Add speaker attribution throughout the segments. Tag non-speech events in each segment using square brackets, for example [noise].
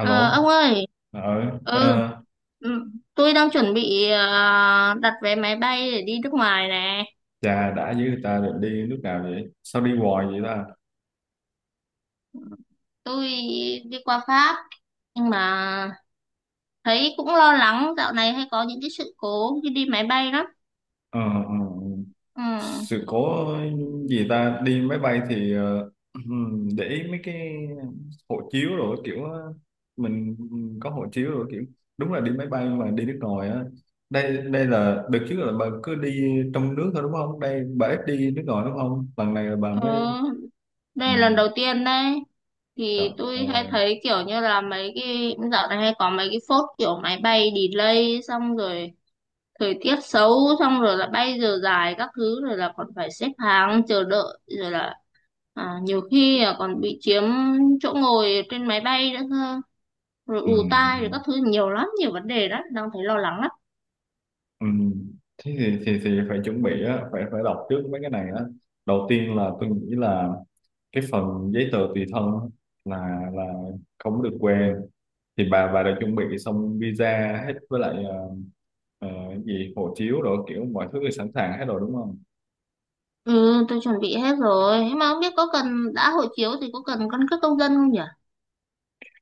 Speaker 1: Ờ, ông ơi,
Speaker 2: ờ,
Speaker 1: ừ,
Speaker 2: ờ,
Speaker 1: ừ, tôi đang chuẩn bị, đặt vé máy bay để đi nước ngoài nè.
Speaker 2: Chà, đã với ta rồi, đi lúc nào vậy? Sao đi hoài vậy ta?
Speaker 1: Tôi đi qua Pháp, nhưng mà thấy cũng lo lắng, dạo này hay có những cái sự cố khi đi máy bay lắm.
Speaker 2: Ờ, ờ,
Speaker 1: Ừ,
Speaker 2: sự cố gì ta? Đi máy bay thì [clears throat] để ý mấy cái hộ chiếu rồi kiểu mình có hộ chiếu rồi, kiểu đúng là đi máy bay mà đi nước ngoài á. Đây đây là đợt trước là bà cứ đi trong nước thôi đúng không? Đây, bà ít đi nước ngoài đúng không? Lần này là bà mới.
Speaker 1: ừ,
Speaker 2: Ừ,
Speaker 1: đây là lần đầu tiên đấy.
Speaker 2: rồi,
Speaker 1: Thì tôi hay
Speaker 2: ờ,
Speaker 1: thấy kiểu như là mấy cái dạo này hay có mấy cái phốt, kiểu máy bay delay xong rồi thời tiết xấu, xong rồi là bay giờ dài các thứ, rồi là còn phải xếp hàng chờ đợi, rồi là nhiều khi là còn bị chiếm chỗ ngồi trên máy bay nữa cơ, rồi
Speaker 2: ừ.
Speaker 1: ù tai rồi
Speaker 2: Ừ.
Speaker 1: các thứ, nhiều lắm, nhiều vấn đề đó, đang thấy lo lắng lắm.
Speaker 2: Ừ. Thế thì phải chuẩn bị á, phải phải đọc trước mấy cái này á. Đầu tiên là tôi nghĩ là cái phần giấy tờ tùy thân á, là không được quên. Thì bà đã chuẩn bị xong visa hết, với lại ờ, gì hộ chiếu rồi kiểu mọi thứ thì sẵn sàng hết rồi đúng không?
Speaker 1: Ừ, tôi chuẩn bị hết rồi, nhưng mà không biết có cần, đã hộ chiếu thì có cần căn cước công dân không nhỉ?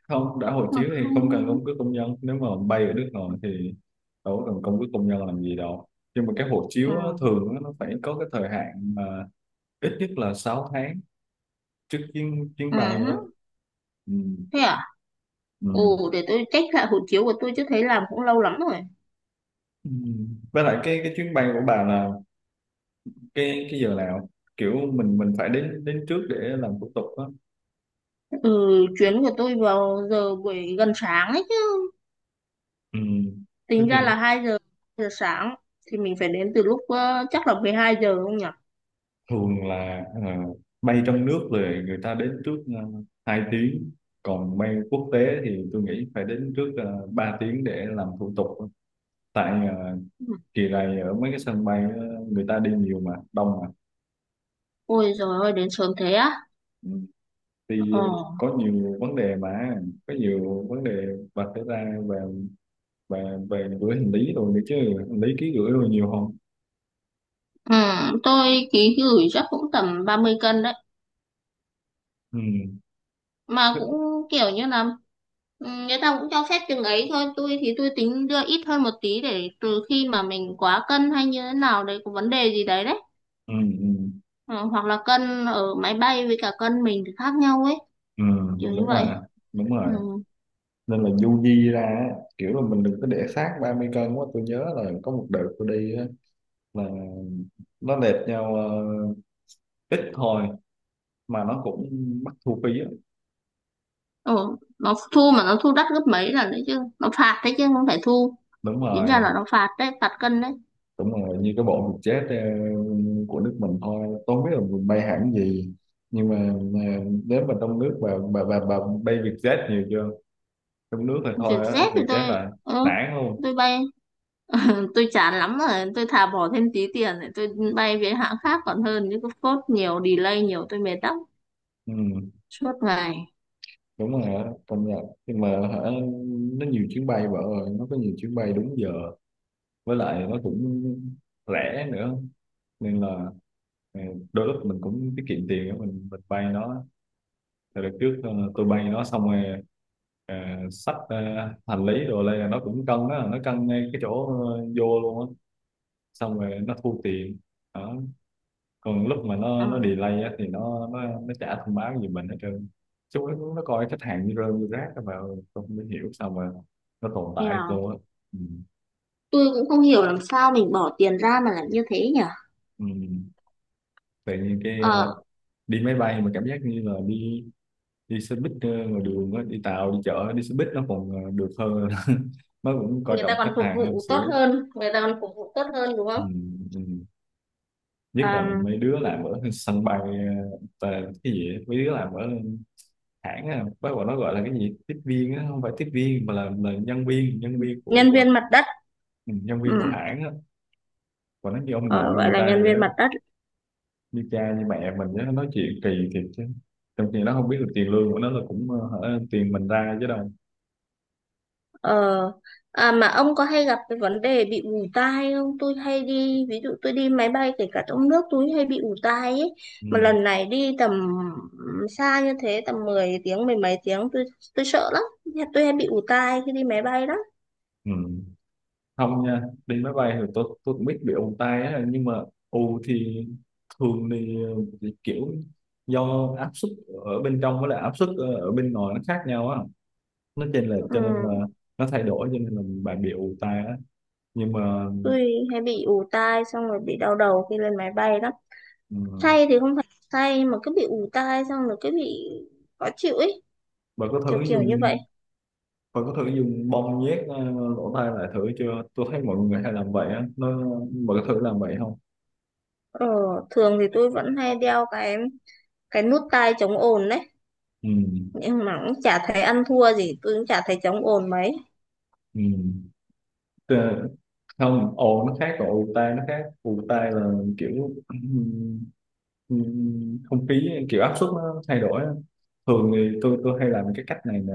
Speaker 2: Không, đã hộ
Speaker 1: Mà
Speaker 2: chiếu thì
Speaker 1: không.
Speaker 2: không cần căn cước công dân. Nếu mà bay ở nước ngoài thì đâu có cần căn cước công nhân làm gì đâu. Nhưng mà cái hộ
Speaker 1: Ừ.
Speaker 2: chiếu á, thường á, nó phải có cái thời hạn mà ít nhất là 6 tháng trước chuyến chuyến
Speaker 1: Ừ
Speaker 2: bay vậy
Speaker 1: hứ.
Speaker 2: á. Ừ.
Speaker 1: Thế à?
Speaker 2: Ừ.
Speaker 1: Ồ, để tôi check lại hộ chiếu của tôi chứ, thấy làm cũng lâu lắm rồi.
Speaker 2: Ừ. Với lại cái chuyến bay của bà là cái giờ nào, kiểu mình phải đến đến trước để làm thủ tục á?
Speaker 1: Ừ, chuyến của tôi vào giờ buổi gần sáng ấy.
Speaker 2: Ừ. Thế
Speaker 1: Tính
Speaker 2: thì
Speaker 1: ra là 2 giờ sáng, thì mình phải đến từ lúc, chắc là 12 giờ không nhỉ?
Speaker 2: thường là bay trong nước rồi người ta đến trước 2 tiếng, còn bay quốc tế thì tôi nghĩ phải đến trước 3 tiếng để làm thủ tục. Tại
Speaker 1: Ừ.
Speaker 2: kỳ này ở mấy cái sân bay người ta đi nhiều mà đông,
Speaker 1: Ôi giời ơi, đến sớm thế á.
Speaker 2: mà thì
Speaker 1: Ờ.
Speaker 2: có nhiều vấn đề. Mà có nhiều vấn đề vạch ra về về về gửi hành lý rồi nữa chứ. Hành lý ký gửi rồi nhiều không?
Speaker 1: Ừ, tôi ký gửi chắc cũng tầm 30 cân đấy.
Speaker 2: Ừ,
Speaker 1: Mà
Speaker 2: thích.
Speaker 1: cũng kiểu như là, người ta cũng cho phép chừng ấy thôi. Tôi thì tôi tính đưa ít hơn một tí, để từ khi mà mình quá cân hay như thế nào đấy, có vấn đề gì đấy đấy.
Speaker 2: Ừ, ừ,
Speaker 1: Ừ, hoặc là cân ở máy bay với cả cân mình thì khác nhau ấy.
Speaker 2: ừ,
Speaker 1: Kiểu như
Speaker 2: đúng
Speaker 1: vậy.
Speaker 2: rồi, đúng
Speaker 1: Ừ.
Speaker 2: rồi, nên là du di ra á, kiểu là mình đừng có để xác 30 cân quá. Tôi nhớ là có một đợt tôi đi á, là nó đẹp nhau ít thôi mà nó cũng mắc thu phí á.
Speaker 1: Ừ. Nó thu mà nó thu đắt gấp mấy lần đấy chứ. Nó phạt đấy chứ không phải thu.
Speaker 2: Đúng
Speaker 1: Tính ra
Speaker 2: rồi,
Speaker 1: là nó phạt đấy, phạt cân đấy.
Speaker 2: đúng rồi, như cái bộ VietJet của nước mình thôi, tôi không biết là mình bay hãng gì. Nhưng mà nếu mà trong nước, bà bay VietJet nhiều chưa? Trong nước thì
Speaker 1: Chuyển
Speaker 2: thôi á,
Speaker 1: Z thì tôi,
Speaker 2: VietJet là
Speaker 1: ừ,
Speaker 2: nản luôn.
Speaker 1: tôi bay [laughs] tôi chán lắm rồi, tôi thà bỏ thêm tí tiền để tôi bay với hãng khác còn hơn, chứ cứ phốt nhiều, delay nhiều, tôi mệt lắm,
Speaker 2: Ừ,
Speaker 1: suốt ngày.
Speaker 2: đúng rồi á, công nhận. Nhưng mà hả, nó nhiều chuyến bay, vợ ơi, nó có nhiều chuyến bay đúng giờ, với lại nó cũng rẻ nữa, nên là ờ, đôi lúc mình cũng tiết kiệm tiền á, mình bay nó. Thì đợt trước tôi bay nó xong rồi ờ, xách hành lý, rồi đây là nó cũng cân đó, nó cân ngay cái chỗ vô luôn á, xong rồi nó thu tiền đó. Còn lúc mà nó
Speaker 1: Ừ.
Speaker 2: nó delay á, thì nó chả thông báo gì mình hết trơn. Nó coi khách hàng như rơm như rác á, mà tôi không hiểu sao mà nó tồn tại được
Speaker 1: Nghèo.
Speaker 2: luôn á. Ừ.
Speaker 1: Tôi cũng không hiểu làm sao mình bỏ tiền ra mà lại như thế nhỉ.
Speaker 2: Ừ. Tự nhiên cái
Speaker 1: Ờ,
Speaker 2: đi máy bay mà cảm giác như là đi đi xe buýt ngoài đường á, đi tàu đi chợ đi xe buýt nó còn được hơn [laughs] nó cũng coi
Speaker 1: người ta
Speaker 2: trọng
Speaker 1: còn
Speaker 2: khách
Speaker 1: phục
Speaker 2: hàng hơn
Speaker 1: vụ tốt
Speaker 2: xíu.
Speaker 1: hơn, người ta còn phục vụ tốt hơn, đúng
Speaker 2: Ừ.
Speaker 1: không?
Speaker 2: Ừ. Nhất là
Speaker 1: à,
Speaker 2: mấy đứa làm ở sân bay cái gì á, mấy đứa làm ở hãng á, bác bọn nó gọi là cái gì tiếp viên á, không phải tiếp viên mà là nhân viên của,
Speaker 1: Nhân
Speaker 2: của
Speaker 1: viên mặt đất.
Speaker 2: Ừ, nhân viên của
Speaker 1: Ừ.
Speaker 2: hãng á, và nó như ông
Speaker 1: Ờ,
Speaker 2: nội
Speaker 1: gọi
Speaker 2: người
Speaker 1: là
Speaker 2: ta
Speaker 1: nhân
Speaker 2: vậy
Speaker 1: viên
Speaker 2: đó,
Speaker 1: mặt đất.
Speaker 2: như cha như mẹ mình á, nó nói chuyện kỳ thiệt chứ. Trong khi nó không biết được tiền lương của nó là cũng hả, tiền mình ra chứ đâu.
Speaker 1: Ờ, à mà ông có hay gặp cái vấn đề bị ù tai không? Tôi hay đi, ví dụ tôi đi máy bay kể cả trong nước, tôi hay bị ù tai ấy.
Speaker 2: Ừ.
Speaker 1: Mà lần này đi tầm xa như thế, tầm 10 tiếng, 10 mấy tiếng, tôi sợ lắm. Tôi hay bị ù tai khi đi máy bay lắm.
Speaker 2: Ừ. Không nha, đi máy bay thì tôi cũng biết bị ù tai á, nhưng mà ù thì thường thì kiểu do áp suất ở bên trong với lại áp suất ở ở bên ngoài nó khác nhau á, nó trên là cho nên
Speaker 1: Ừ,
Speaker 2: là nó thay đổi, cho nên là bạn bị ù tai á. Nhưng mà
Speaker 1: tôi hay bị ù tai xong rồi bị đau đầu khi lên máy bay lắm.
Speaker 2: ừ,
Speaker 1: Say thì không phải say, mà cứ bị ù tai xong rồi cứ bị khó chịu ấy,
Speaker 2: bạn có
Speaker 1: kiểu
Speaker 2: thử
Speaker 1: kiểu
Speaker 2: dùng
Speaker 1: như vậy.
Speaker 2: bạn có thử dùng bông nhét lỗ tai lại thử chưa? Tôi thấy mọi người hay làm vậy á, nó, bạn có thử làm vậy không?
Speaker 1: Ờ, thường thì tôi vẫn hay đeo cái nút tai chống ồn đấy,
Speaker 2: Ừ.
Speaker 1: nhưng mà cũng chả thấy ăn thua gì, tôi cũng chả thấy chống ồn mấy.
Speaker 2: Ừ. Ờ, không, nó khác, còn ù tai nó khác. Ù tai là kiểu không khí, kiểu áp suất nó thay đổi á. Thường thì tôi hay làm cái cách này nè,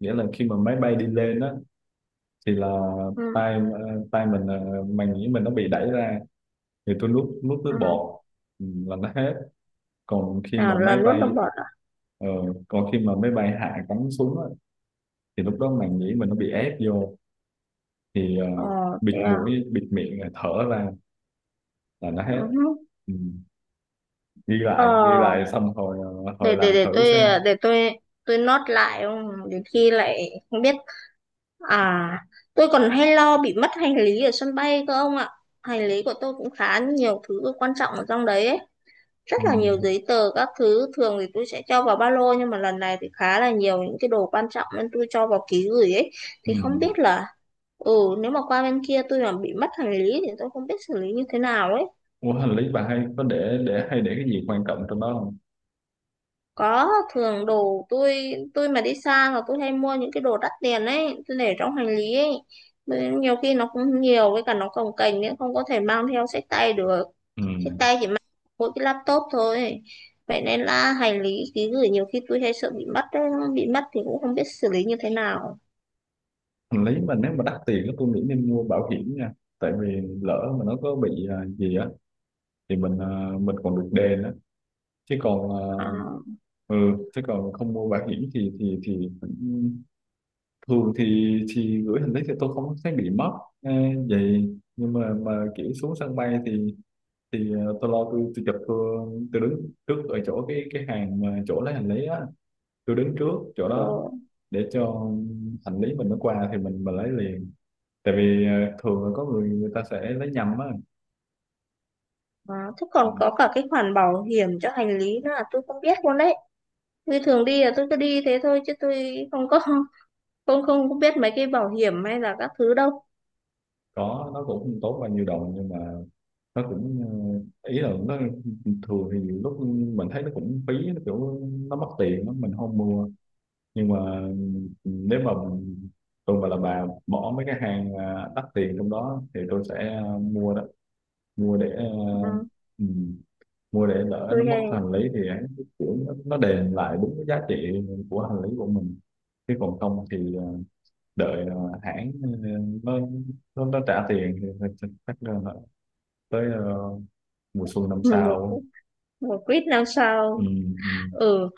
Speaker 2: nghĩa là khi mà máy bay đi lên á, thì là
Speaker 1: Ừ,
Speaker 2: tay mình màng nhĩ mình nó bị đẩy ra, thì tôi nuốt nuốt
Speaker 1: ừ.
Speaker 2: nước bọt, là nó hết. còn khi
Speaker 1: À,
Speaker 2: mà
Speaker 1: là
Speaker 2: máy
Speaker 1: nuốt đông
Speaker 2: bay
Speaker 1: bọt à?
Speaker 2: ờ, Còn khi mà máy bay hạ cánh xuống á, thì lúc đó màng nhĩ mình nó bị ép vô, thì
Speaker 1: Ờ.
Speaker 2: bịt
Speaker 1: Thế à.
Speaker 2: mũi bịt miệng rồi thở ra là nó hết.
Speaker 1: Ừ.
Speaker 2: Ừ. Ghi
Speaker 1: Ờ,
Speaker 2: lại, ghi lại xong hồi
Speaker 1: để để
Speaker 2: làm
Speaker 1: để
Speaker 2: thử
Speaker 1: tôi
Speaker 2: xem.
Speaker 1: để tôi nốt lại, không đến khi lại không biết. À, tôi còn hay lo bị mất hành lý ở sân bay cơ ông ạ. Hành lý của tôi cũng khá nhiều thứ quan trọng ở trong đấy ấy. Rất
Speaker 2: Ừ.
Speaker 1: là nhiều giấy tờ các thứ, thường thì tôi sẽ cho vào ba lô, nhưng mà lần này thì khá là nhiều những cái đồ quan trọng nên tôi cho vào ký gửi ấy.
Speaker 2: Ừ.
Speaker 1: Thì không biết là, ừ nếu mà qua bên kia tôi mà bị mất hành lý thì tôi không biết xử lý như thế nào ấy.
Speaker 2: Ủa, hành lý bà hay có để hay để cái gì quan trọng trong đó không?
Speaker 1: Có, thường đồ tôi mà đi xa là tôi hay mua những cái đồ đắt tiền ấy, tôi để trong hành lý ấy. Bởi nhiều khi nó cũng nhiều, với cả nó cồng kềnh nên không có thể mang theo xách tay được.
Speaker 2: Ừ.
Speaker 1: Trên tay chỉ mang mỗi cái laptop thôi. Vậy nên là hành lý ký gửi nhiều khi tôi hay sợ bị mất đấy. Bị mất thì cũng không biết xử lý như thế nào.
Speaker 2: Hành lý mà nếu mà đắt tiền á, tôi nghĩ nên mua bảo hiểm nha, tại vì lỡ mà nó có bị gì á thì mình, mình còn được đền á, chứ còn
Speaker 1: À,
Speaker 2: ừ chứ còn không mua bảo hiểm thì thì cũng. Thường thì gửi hành lý thì tôi không thấy bị mất à. Vậy nhưng mà kiểu xuống sân bay thì thì tôi lo, tôi chụp, tôi đứng trước ở chỗ cái hàng mà chỗ lấy hành lý á, tôi đứng trước chỗ
Speaker 1: ờ,
Speaker 2: đó để cho hành lý mình nó qua thì mình lấy liền. Tại vì thường là có người người ta sẽ lấy nhầm á.
Speaker 1: à, thế
Speaker 2: Ờ,
Speaker 1: còn có cả cái khoản bảo hiểm cho hành lý nữa là tôi không biết luôn đấy. Tôi thường đi là tôi cứ đi thế thôi, chứ tôi không có biết mấy cái bảo hiểm hay là các thứ đâu.
Speaker 2: có, nó cũng không tốt bao nhiêu đồng nhưng mà nó cũng ý là nó, thường thì nhiều lúc mình thấy nó cũng phí, nó kiểu nó mất tiền lắm, mình không mua. Nhưng mà nếu mà mình, tôi mà là bà bỏ mấy cái hàng à, đắt tiền trong đó thì tôi sẽ à, mua đó, mua để ờ,
Speaker 1: Ừ,
Speaker 2: ừ, mua để lỡ nó
Speaker 1: tôi
Speaker 2: mất
Speaker 1: hay
Speaker 2: hành lý thì hắn kiểu nó đền lại đúng cái giá trị của hành lý của mình. Chứ còn không thì đợi hãng nó, nó trả tiền thì thì chắc là tới mùa xuân
Speaker 1: [laughs]
Speaker 2: năm
Speaker 1: một
Speaker 2: sau.
Speaker 1: một quýt năm
Speaker 2: Ừ.
Speaker 1: sao.
Speaker 2: Ừ.
Speaker 1: Ừ,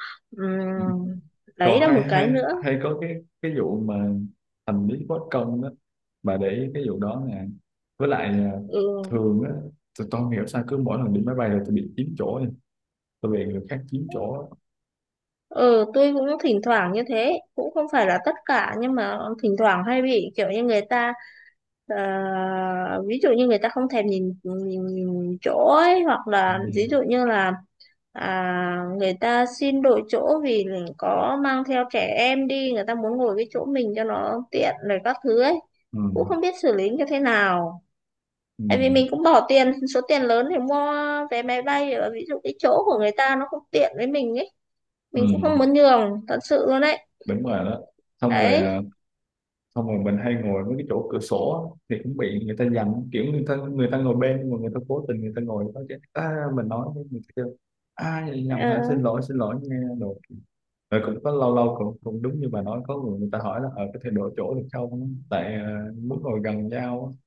Speaker 2: Ừ.
Speaker 1: ừm, đấy
Speaker 2: Còn
Speaker 1: là
Speaker 2: hay
Speaker 1: một cái
Speaker 2: hay
Speaker 1: nữa.
Speaker 2: hay có cái vụ mà hành lý bất công đó, bà để ý cái vụ đó nè. Với lại
Speaker 1: Ừ.
Speaker 2: thường á tôi không hiểu sao cứ mỗi lần đi máy bay là tôi bị chiếm chỗ nha, tôi bị người khác chiếm chỗ.
Speaker 1: Ừ, tôi cũng thỉnh thoảng như thế, cũng không phải là tất cả nhưng mà thỉnh thoảng hay bị kiểu như người ta, ờ, ví dụ như người ta không thèm nhìn, nhìn, nhìn chỗ ấy, hoặc
Speaker 2: Ừ,
Speaker 1: là ví dụ như là người ta xin đổi chỗ vì có mang theo trẻ em đi, người ta muốn ngồi cái chỗ mình cho nó tiện rồi các thứ ấy.
Speaker 2: ừ,
Speaker 1: Cũng không biết xử lý như thế nào.
Speaker 2: ừ,
Speaker 1: Tại vì mình cũng bỏ tiền, số tiền lớn để mua vé máy bay, ở ví dụ cái chỗ của người ta nó không tiện với mình ấy, mình cũng
Speaker 2: ừ,
Speaker 1: không muốn nhường thật sự luôn đấy
Speaker 2: đúng rồi đó. Xong rồi à,
Speaker 1: đấy
Speaker 2: xong rồi mình hay ngồi với cái chỗ cửa sổ á, thì cũng bị người ta dằn, kiểu người ta ngồi bên, nhưng mà người ta cố tình, người ta ngồi đó chứ à, mình nói với người ta kêu à vậy nhầm hả,
Speaker 1: ờ,
Speaker 2: xin lỗi nghe đồ. Rồi cũng có lâu lâu cũng cũng đúng như bà nói, có người, người ta hỏi là ở có thể đổi chỗ được không tại à, muốn ngồi gần nhau á.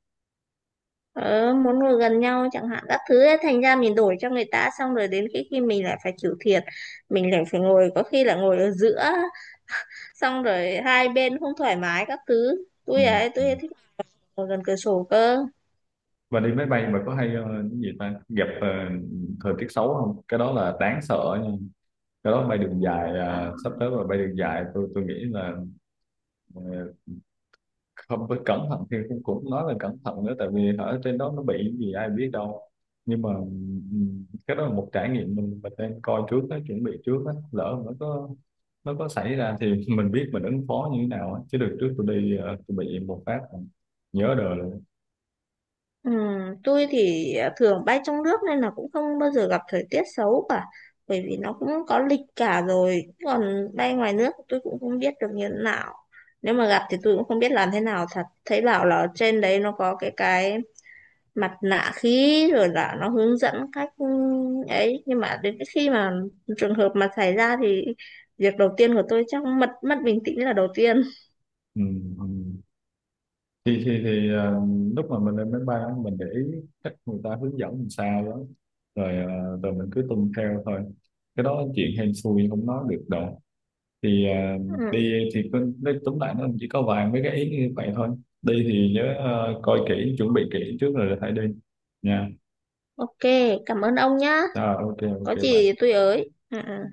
Speaker 1: ờ, Muốn ngồi gần nhau chẳng hạn, các thứ ấy. Thành ra mình đổi cho người ta, xong rồi đến khi khi mình lại phải chịu thiệt, mình lại phải ngồi có khi là ngồi ở giữa, xong rồi hai bên không thoải mái các thứ.
Speaker 2: Ừ. Ừ.
Speaker 1: Tôi ấy, thích ngồi gần cửa sổ cơ.
Speaker 2: Và đi máy bay mà có hay cái gì ta, gặp thời tiết xấu không? Cái đó là đáng sợ nha. Cái đó bay đường dài
Speaker 1: Ờ.
Speaker 2: à, sắp tới mà bay đường dài, tôi nghĩ là ờ, không phải cẩn thận thì cũng cũng nói là cẩn thận nữa, tại vì ở trên đó nó bị cái gì ai biết đâu. Nhưng mà cái đó là một trải nghiệm mình nên coi trước á, chuẩn bị trước á, lỡ mà nó có xảy ra thì [laughs] mình biết mình ứng phó như thế nào á. Chứ được trước tôi đi tôi bị một phát nhớ đời luôn.
Speaker 1: Ừ, tôi thì thường bay trong nước nên là cũng không bao giờ gặp thời tiết xấu cả, bởi vì nó cũng có lịch cả rồi. Còn bay ngoài nước tôi cũng không biết được như thế nào, nếu mà gặp thì tôi cũng không biết làm thế nào thật. Thấy bảo là trên đấy nó có cái mặt nạ khí, rồi là nó hướng dẫn cách, ấy, nhưng mà đến cái khi mà trường hợp mà xảy ra thì việc đầu tiên của tôi chắc mất mất bình tĩnh là đầu tiên.
Speaker 2: thì thì thì ờ, Lúc mà mình lên máy bay á, mình để ý cách người ta hướng dẫn làm sao đó, rồi rồi mình cứ tuân theo thôi, cái đó chuyện hên xui không nói được đâu. Thì
Speaker 1: Ừ.
Speaker 2: đi thì cứ, nói tóm lại nó chỉ có vài mấy cái ý như vậy thôi. Đi thì nhớ coi kỹ, chuẩn bị kỹ trước rồi hãy đi nha.
Speaker 1: Ok, cảm ơn ông nhá.
Speaker 2: Rồi, ok,
Speaker 1: Có
Speaker 2: ok bạn.
Speaker 1: gì tôi ới. Ừ. Ừ.